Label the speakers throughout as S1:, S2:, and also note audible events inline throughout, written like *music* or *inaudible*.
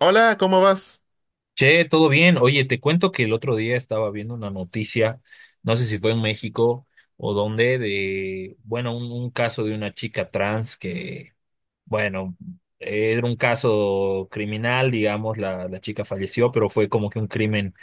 S1: Hola, ¿cómo vas?
S2: Che, todo bien. Oye, te cuento que el otro día estaba viendo una noticia, no sé si fue en México o dónde, de, bueno, un caso de una chica trans que, bueno, era un caso criminal, digamos, la chica falleció, pero fue como que un crimen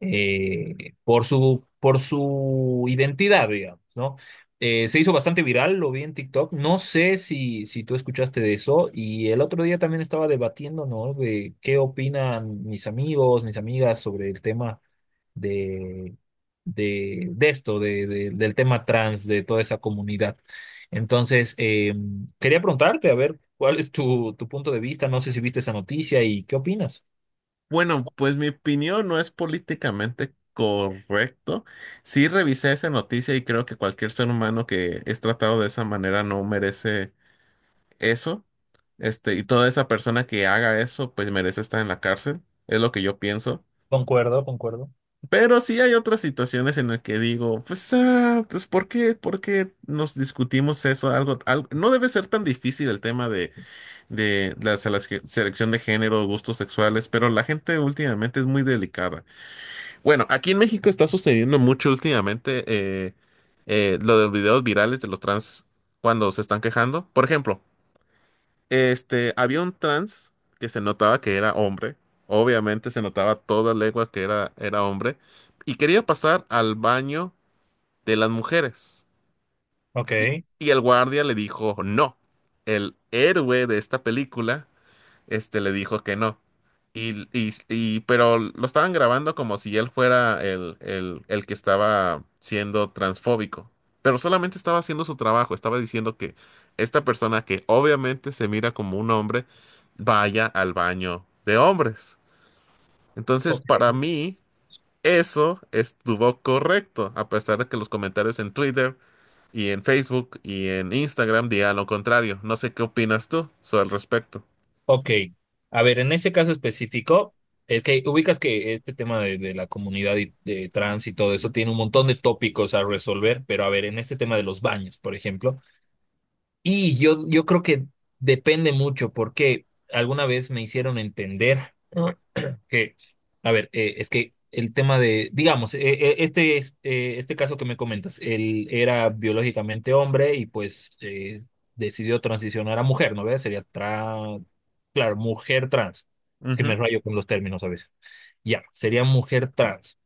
S2: por su identidad, digamos, ¿no? Se hizo bastante viral, lo vi en TikTok. No sé si tú escuchaste de eso. Y el otro día también estaba debatiendo, ¿no? De qué opinan mis amigos, mis amigas sobre el tema de, de esto, del tema trans, de toda esa comunidad. Entonces, quería preguntarte, a ver, ¿cuál es tu punto de vista? No sé si viste esa noticia y qué opinas.
S1: Bueno, pues mi opinión no es políticamente correcto. Sí revisé esa noticia y creo que cualquier ser humano que es tratado de esa manera no merece eso. Este, y toda esa persona que haga eso, pues merece estar en la cárcel. Es lo que yo pienso.
S2: Concuerdo, concuerdo.
S1: Pero sí hay otras situaciones en las que digo, pues, ah, pues, ¿por qué nos discutimos eso? Algo, algo, no debe ser tan difícil el tema de la selección de género, gustos sexuales, pero la gente últimamente es muy delicada. Bueno, aquí en México está sucediendo mucho últimamente lo de los videos virales de los trans cuando se están quejando. Por ejemplo, este, había un trans que se notaba que era hombre, obviamente se notaba toda legua que era hombre, y quería pasar al baño de las mujeres. Y,
S2: Ok.
S1: y el guardia le dijo, no, el héroe de esta película este le dijo que no. Pero lo estaban grabando como si él fuera el que estaba siendo transfóbico. Pero solamente estaba haciendo su trabajo, estaba diciendo que esta persona que obviamente se mira como un hombre, vaya al baño de hombres. Entonces,
S2: Ok.
S1: para mí, eso estuvo correcto, a pesar de que los comentarios en Twitter y en Facebook y en Instagram digan lo contrario. No sé qué opinas tú sobre el respecto.
S2: Ok, a ver, en ese caso específico, es que ubicas que este tema de la comunidad y de trans y todo eso tiene un montón de tópicos a resolver, pero a ver, en este tema de los baños, por ejemplo, y yo creo que depende mucho porque alguna vez me hicieron entender que, a ver, es que el tema de, digamos, este caso que me comentas, él era biológicamente hombre y pues decidió transicionar a mujer, ¿no ves? Sería tra Claro, mujer trans. Es que me
S1: Ujú.
S2: rayo con los términos a veces. Ya, sería mujer trans.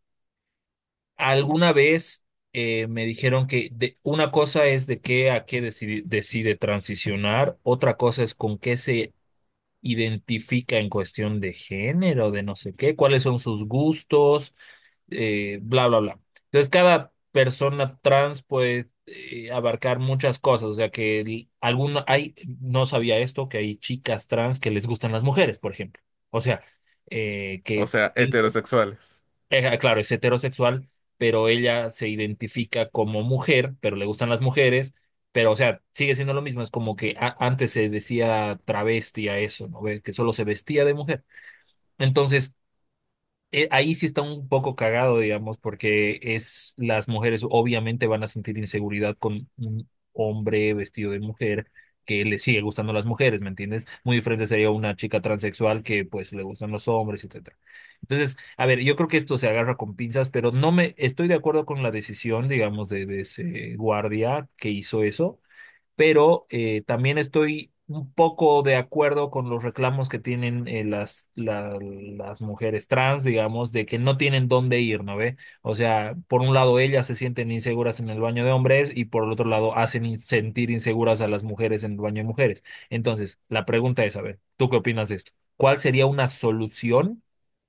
S2: Alguna vez me dijeron que una cosa es de qué a qué decide transicionar, otra cosa es con qué se identifica en cuestión de género, de no sé qué, cuáles son sus gustos, bla, bla, bla. Entonces, cada persona trans puede abarcar muchas cosas, o sea que hay, no sabía esto, que hay chicas trans que les gustan las mujeres, por ejemplo. O sea,
S1: O
S2: que
S1: sea, heterosexuales.
S2: claro, es heterosexual, pero ella se identifica como mujer, pero le gustan las mujeres, pero o sea, sigue siendo lo mismo, es como que antes se decía travesti a eso, ¿no? Ve, que solo se vestía de mujer. Entonces, ahí sí está un poco cagado, digamos, porque es las mujeres obviamente van a sentir inseguridad con un hombre vestido de mujer que le sigue gustando las mujeres, ¿me entiendes? Muy diferente sería una chica transexual que pues le gustan los hombres, etcétera. Entonces, a ver, yo creo que esto se agarra con pinzas, pero no me estoy de acuerdo con la decisión, digamos, de ese guardia que hizo eso pero también estoy un poco de acuerdo con los reclamos que tienen las mujeres trans, digamos, de que no tienen dónde ir, ¿no ve? O sea, por un lado ellas se sienten inseguras en el baño de hombres y por el otro lado hacen sentir inseguras a las mujeres en el baño de mujeres. Entonces, la pregunta es, a ver, ¿tú qué opinas de esto? ¿Cuál sería una solución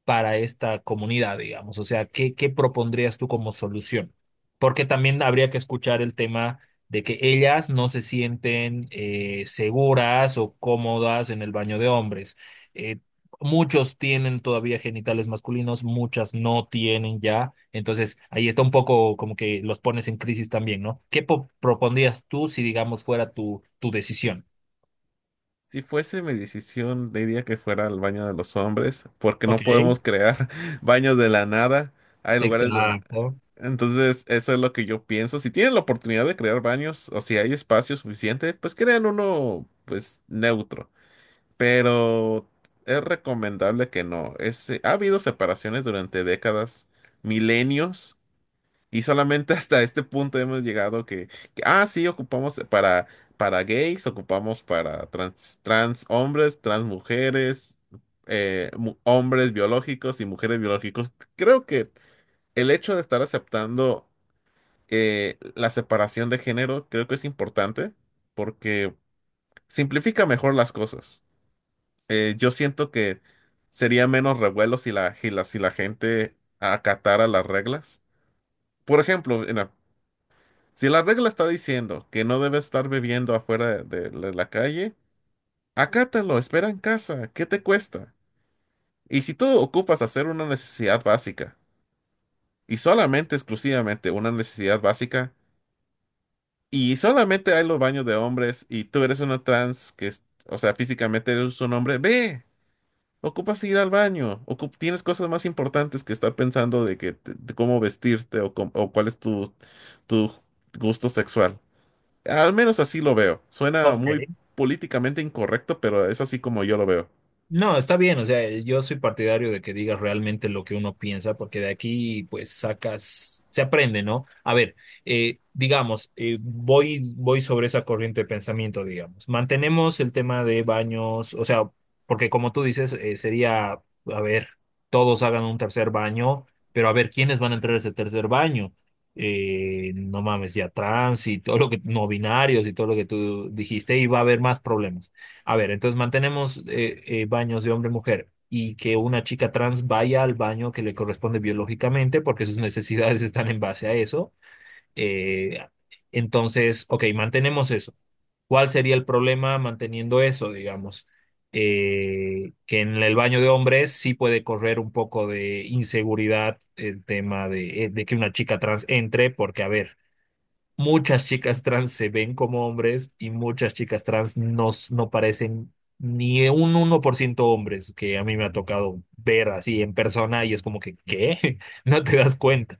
S2: para esta comunidad, digamos? O sea, ¿qué propondrías tú como solución? Porque también habría que escuchar el tema de que ellas no se sienten seguras o cómodas en el baño de hombres. Eh, muchos tienen todavía genitales masculinos, muchas no tienen ya. Entonces, ahí está un poco como que los pones en crisis también, ¿no? ¿Qué propondrías tú si, digamos, fuera tu decisión?
S1: Si fuese mi decisión, diría que fuera al baño de los hombres, porque no
S2: Ok,
S1: podemos crear *laughs* baños de la nada. Hay lugares donde…
S2: exacto.
S1: Entonces, eso es lo que yo pienso. Si tienen la oportunidad de crear baños o si hay espacio suficiente, pues crean uno, pues, neutro. Pero es recomendable que no. Ese- ha habido separaciones durante décadas, milenios. Y solamente *laughs* hasta este punto hemos llegado que, ah, sí, ocupamos para gays, ocupamos para trans, trans hombres, trans mujeres, mu- hombres biológicos y mujeres biológicos. Creo que el hecho de estar aceptando la separación de género, creo que es importante porque simplifica mejor las cosas. Yo siento que sería menos revuelo si la gente acatara las reglas. Por ejemplo, en la- si la regla está diciendo que no debes estar bebiendo afuera de la calle, acátalo, espera en casa, ¿qué te cuesta? Y si tú ocupas hacer una necesidad básica, y solamente exclusivamente una necesidad básica, y solamente hay los baños de hombres, y tú eres una trans que es, o sea, físicamente eres un hombre, ve, ocupas ir al baño, ocup- tienes cosas más importantes que estar pensando de que de cómo vestirte o, com- o cuál es tu, tu gusto sexual. Al menos así lo veo. Suena
S2: Ok,
S1: muy políticamente incorrecto, pero es así como yo lo veo.
S2: no, está bien, o sea, yo soy partidario de que digas realmente lo que uno piensa, porque de aquí pues sacas, se aprende, ¿no? A ver, digamos, voy sobre esa corriente de pensamiento, digamos. Mantenemos el tema de baños, o sea, porque como tú dices, sería, a ver, todos hagan un tercer baño, pero a ver, ¿quiénes van a entrar a ese tercer baño? No mames, ya trans y todo lo que, no binarios y todo lo que tú dijiste, y va a haber más problemas. A ver, entonces mantenemos baños de hombre-mujer y que una chica trans vaya al baño que le corresponde biológicamente porque sus necesidades *laughs* están en base a eso. Eh, entonces, ok, mantenemos eso. ¿Cuál sería el problema manteniendo eso, digamos? Que en el baño de hombres sí puede correr un poco de inseguridad el tema de que una chica trans entre, porque, a ver, muchas chicas trans se ven como hombres y muchas chicas trans no, no parecen ni un 1% hombres, que a mí me ha tocado ver así en persona y es como que, ¿qué? *laughs* No te das cuenta.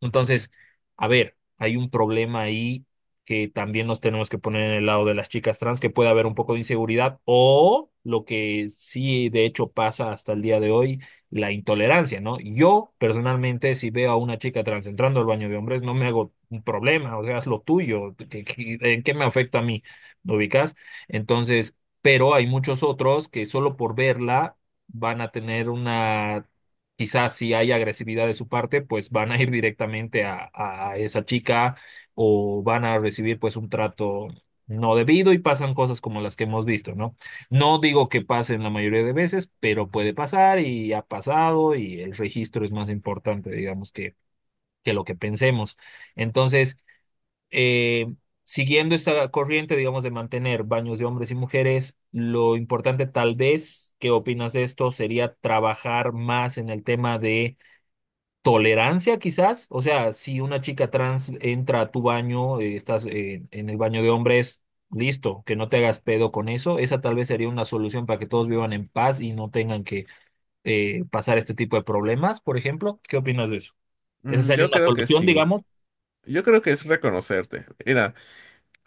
S2: Entonces, a ver, hay un problema ahí que también nos tenemos que poner en el lado de las chicas trans, que puede haber un poco de inseguridad o lo que sí de hecho pasa hasta el día de hoy, la intolerancia, ¿no? Yo personalmente, si veo a una chica trans entrando al baño de hombres, no me hago un problema, o sea, es lo tuyo, ¿en qué me afecta a mí? ¿Lo ubicas? Entonces, pero hay muchos otros que solo por verla van a tener una quizás si hay agresividad de su parte, pues van a ir directamente a esa chica o van a recibir pues un trato no debido y pasan cosas como las que hemos visto, ¿no? No digo que pasen la mayoría de veces, pero puede pasar y ha pasado y el registro es más importante, digamos, que lo que pensemos. Entonces, eh, siguiendo esa corriente, digamos, de mantener baños de hombres y mujeres, lo importante tal vez, ¿qué opinas de esto? Sería trabajar más en el tema de tolerancia quizás, o sea, si una chica trans entra a tu baño, estás en el baño de hombres, listo, que no te hagas pedo con eso, esa tal vez sería una solución para que todos vivan en paz y no tengan que pasar este tipo de problemas, por ejemplo, ¿qué opinas de eso? Esa
S1: Mm,
S2: sería
S1: yo
S2: una
S1: creo que
S2: solución,
S1: sí.
S2: digamos.
S1: Yo creo que es reconocerte. Mira,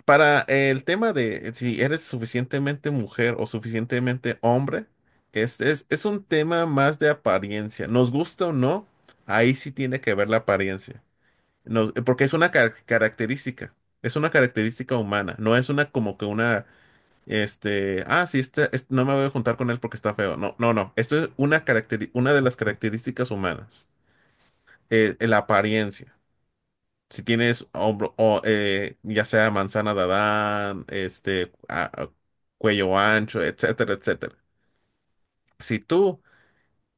S1: para el tema de si eres suficientemente mujer o suficientemente hombre, es un tema más de apariencia. Nos gusta o no, ahí sí tiene que ver la apariencia. Nos- porque es una car- característica. Es una característica humana. No es una como que una este, ah, sí, no me voy a juntar con él porque está feo. No, no, no. Esto es una caracteri- una de las características humanas. La apariencia. Si tienes hombro, o, ya sea manzana de Adán, este, cuello ancho, etcétera, etcétera. Si tú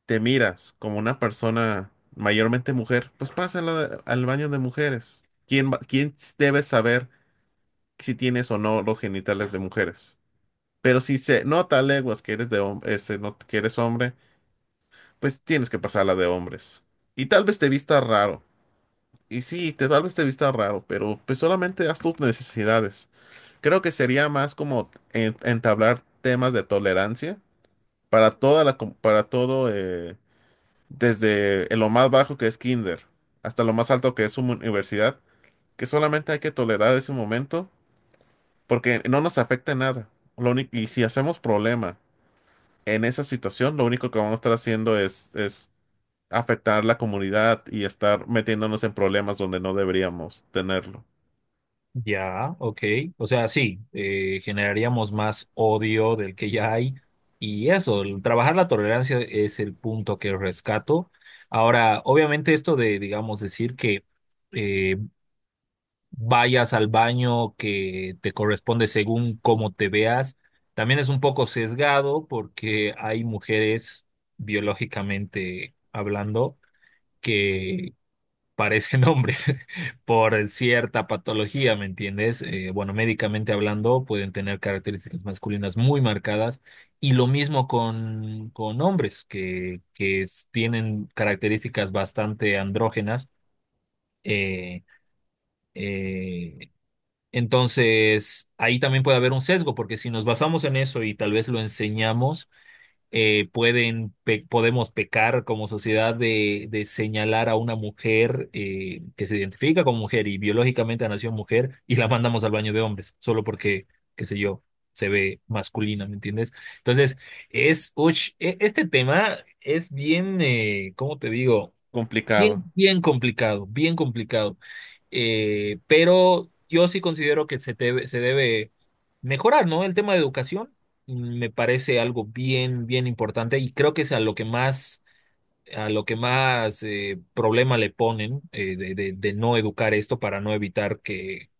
S1: te miras como una persona mayormente mujer, pues pásala al baño de mujeres. ¿Quién, va- quién debe saber si tienes o no los genitales de mujeres? Pero si se nota a leguas que eres de se nota que eres hombre, pues tienes que pasar la de hombres. Y tal vez te vista raro. Y sí, te, tal vez te vista raro, pero pues solamente haz tus necesidades. Creo que sería más como entablar temas de tolerancia para toda la, com- para todo, desde lo más bajo que es kinder hasta lo más alto que es una universidad, que solamente hay que tolerar ese momento porque no nos afecta en nada. Lo único- y si hacemos problema en esa situación lo único que vamos a estar haciendo es afectar la comunidad y estar metiéndonos en problemas donde no deberíamos tenerlo.
S2: Ya, ok. O sea, sí, generaríamos más odio del que ya hay. Y eso, el trabajar la tolerancia es el punto que rescato. Ahora, obviamente esto de, digamos, decir que eh, vayas al baño que te corresponde según cómo te veas. También es un poco sesgado porque hay mujeres, biológicamente hablando, que parecen *laughs* hombres por cierta patología, ¿me entiendes? Bueno, médicamente hablando, pueden tener características masculinas muy marcadas. Y lo mismo con hombres tienen características bastante andrógenas. eh, eh, entonces, ahí también puede haber un sesgo, porque si nos basamos en eso y tal vez lo enseñamos, podemos pecar como sociedad de señalar a una mujer que se identifica como mujer y biológicamente nació mujer y la mandamos al baño de hombres, solo porque, qué sé yo, se ve masculina, ¿me entiendes? Entonces, este tema es bien, ¿cómo te digo? Bien,
S1: Complicado.
S2: bien complicado, bien complicado. Pero yo sí considero que se debe mejorar, ¿no? El tema de educación me parece algo bien, bien importante y creo que es a lo que más, problema le ponen de no educar esto para no evitar que,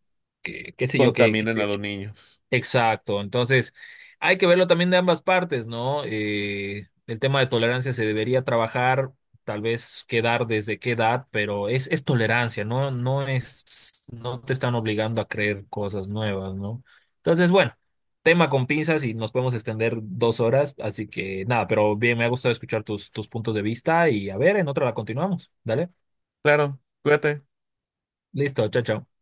S2: que qué sé yo, que
S1: Contaminen a los niños.
S2: Exacto, entonces hay que verlo también de ambas partes, ¿no? El tema de tolerancia se debería trabajar, tal vez quedar desde qué edad, pero es tolerancia, ¿no? No te están obligando a creer cosas nuevas, ¿no? Entonces, bueno, tema con pinzas y nos podemos extender 2 horas, así que nada, pero bien, me ha gustado escuchar tus puntos de vista y a ver, en otra la continuamos, ¿dale?
S1: Claro, cuídate.
S2: Listo, chao, chao.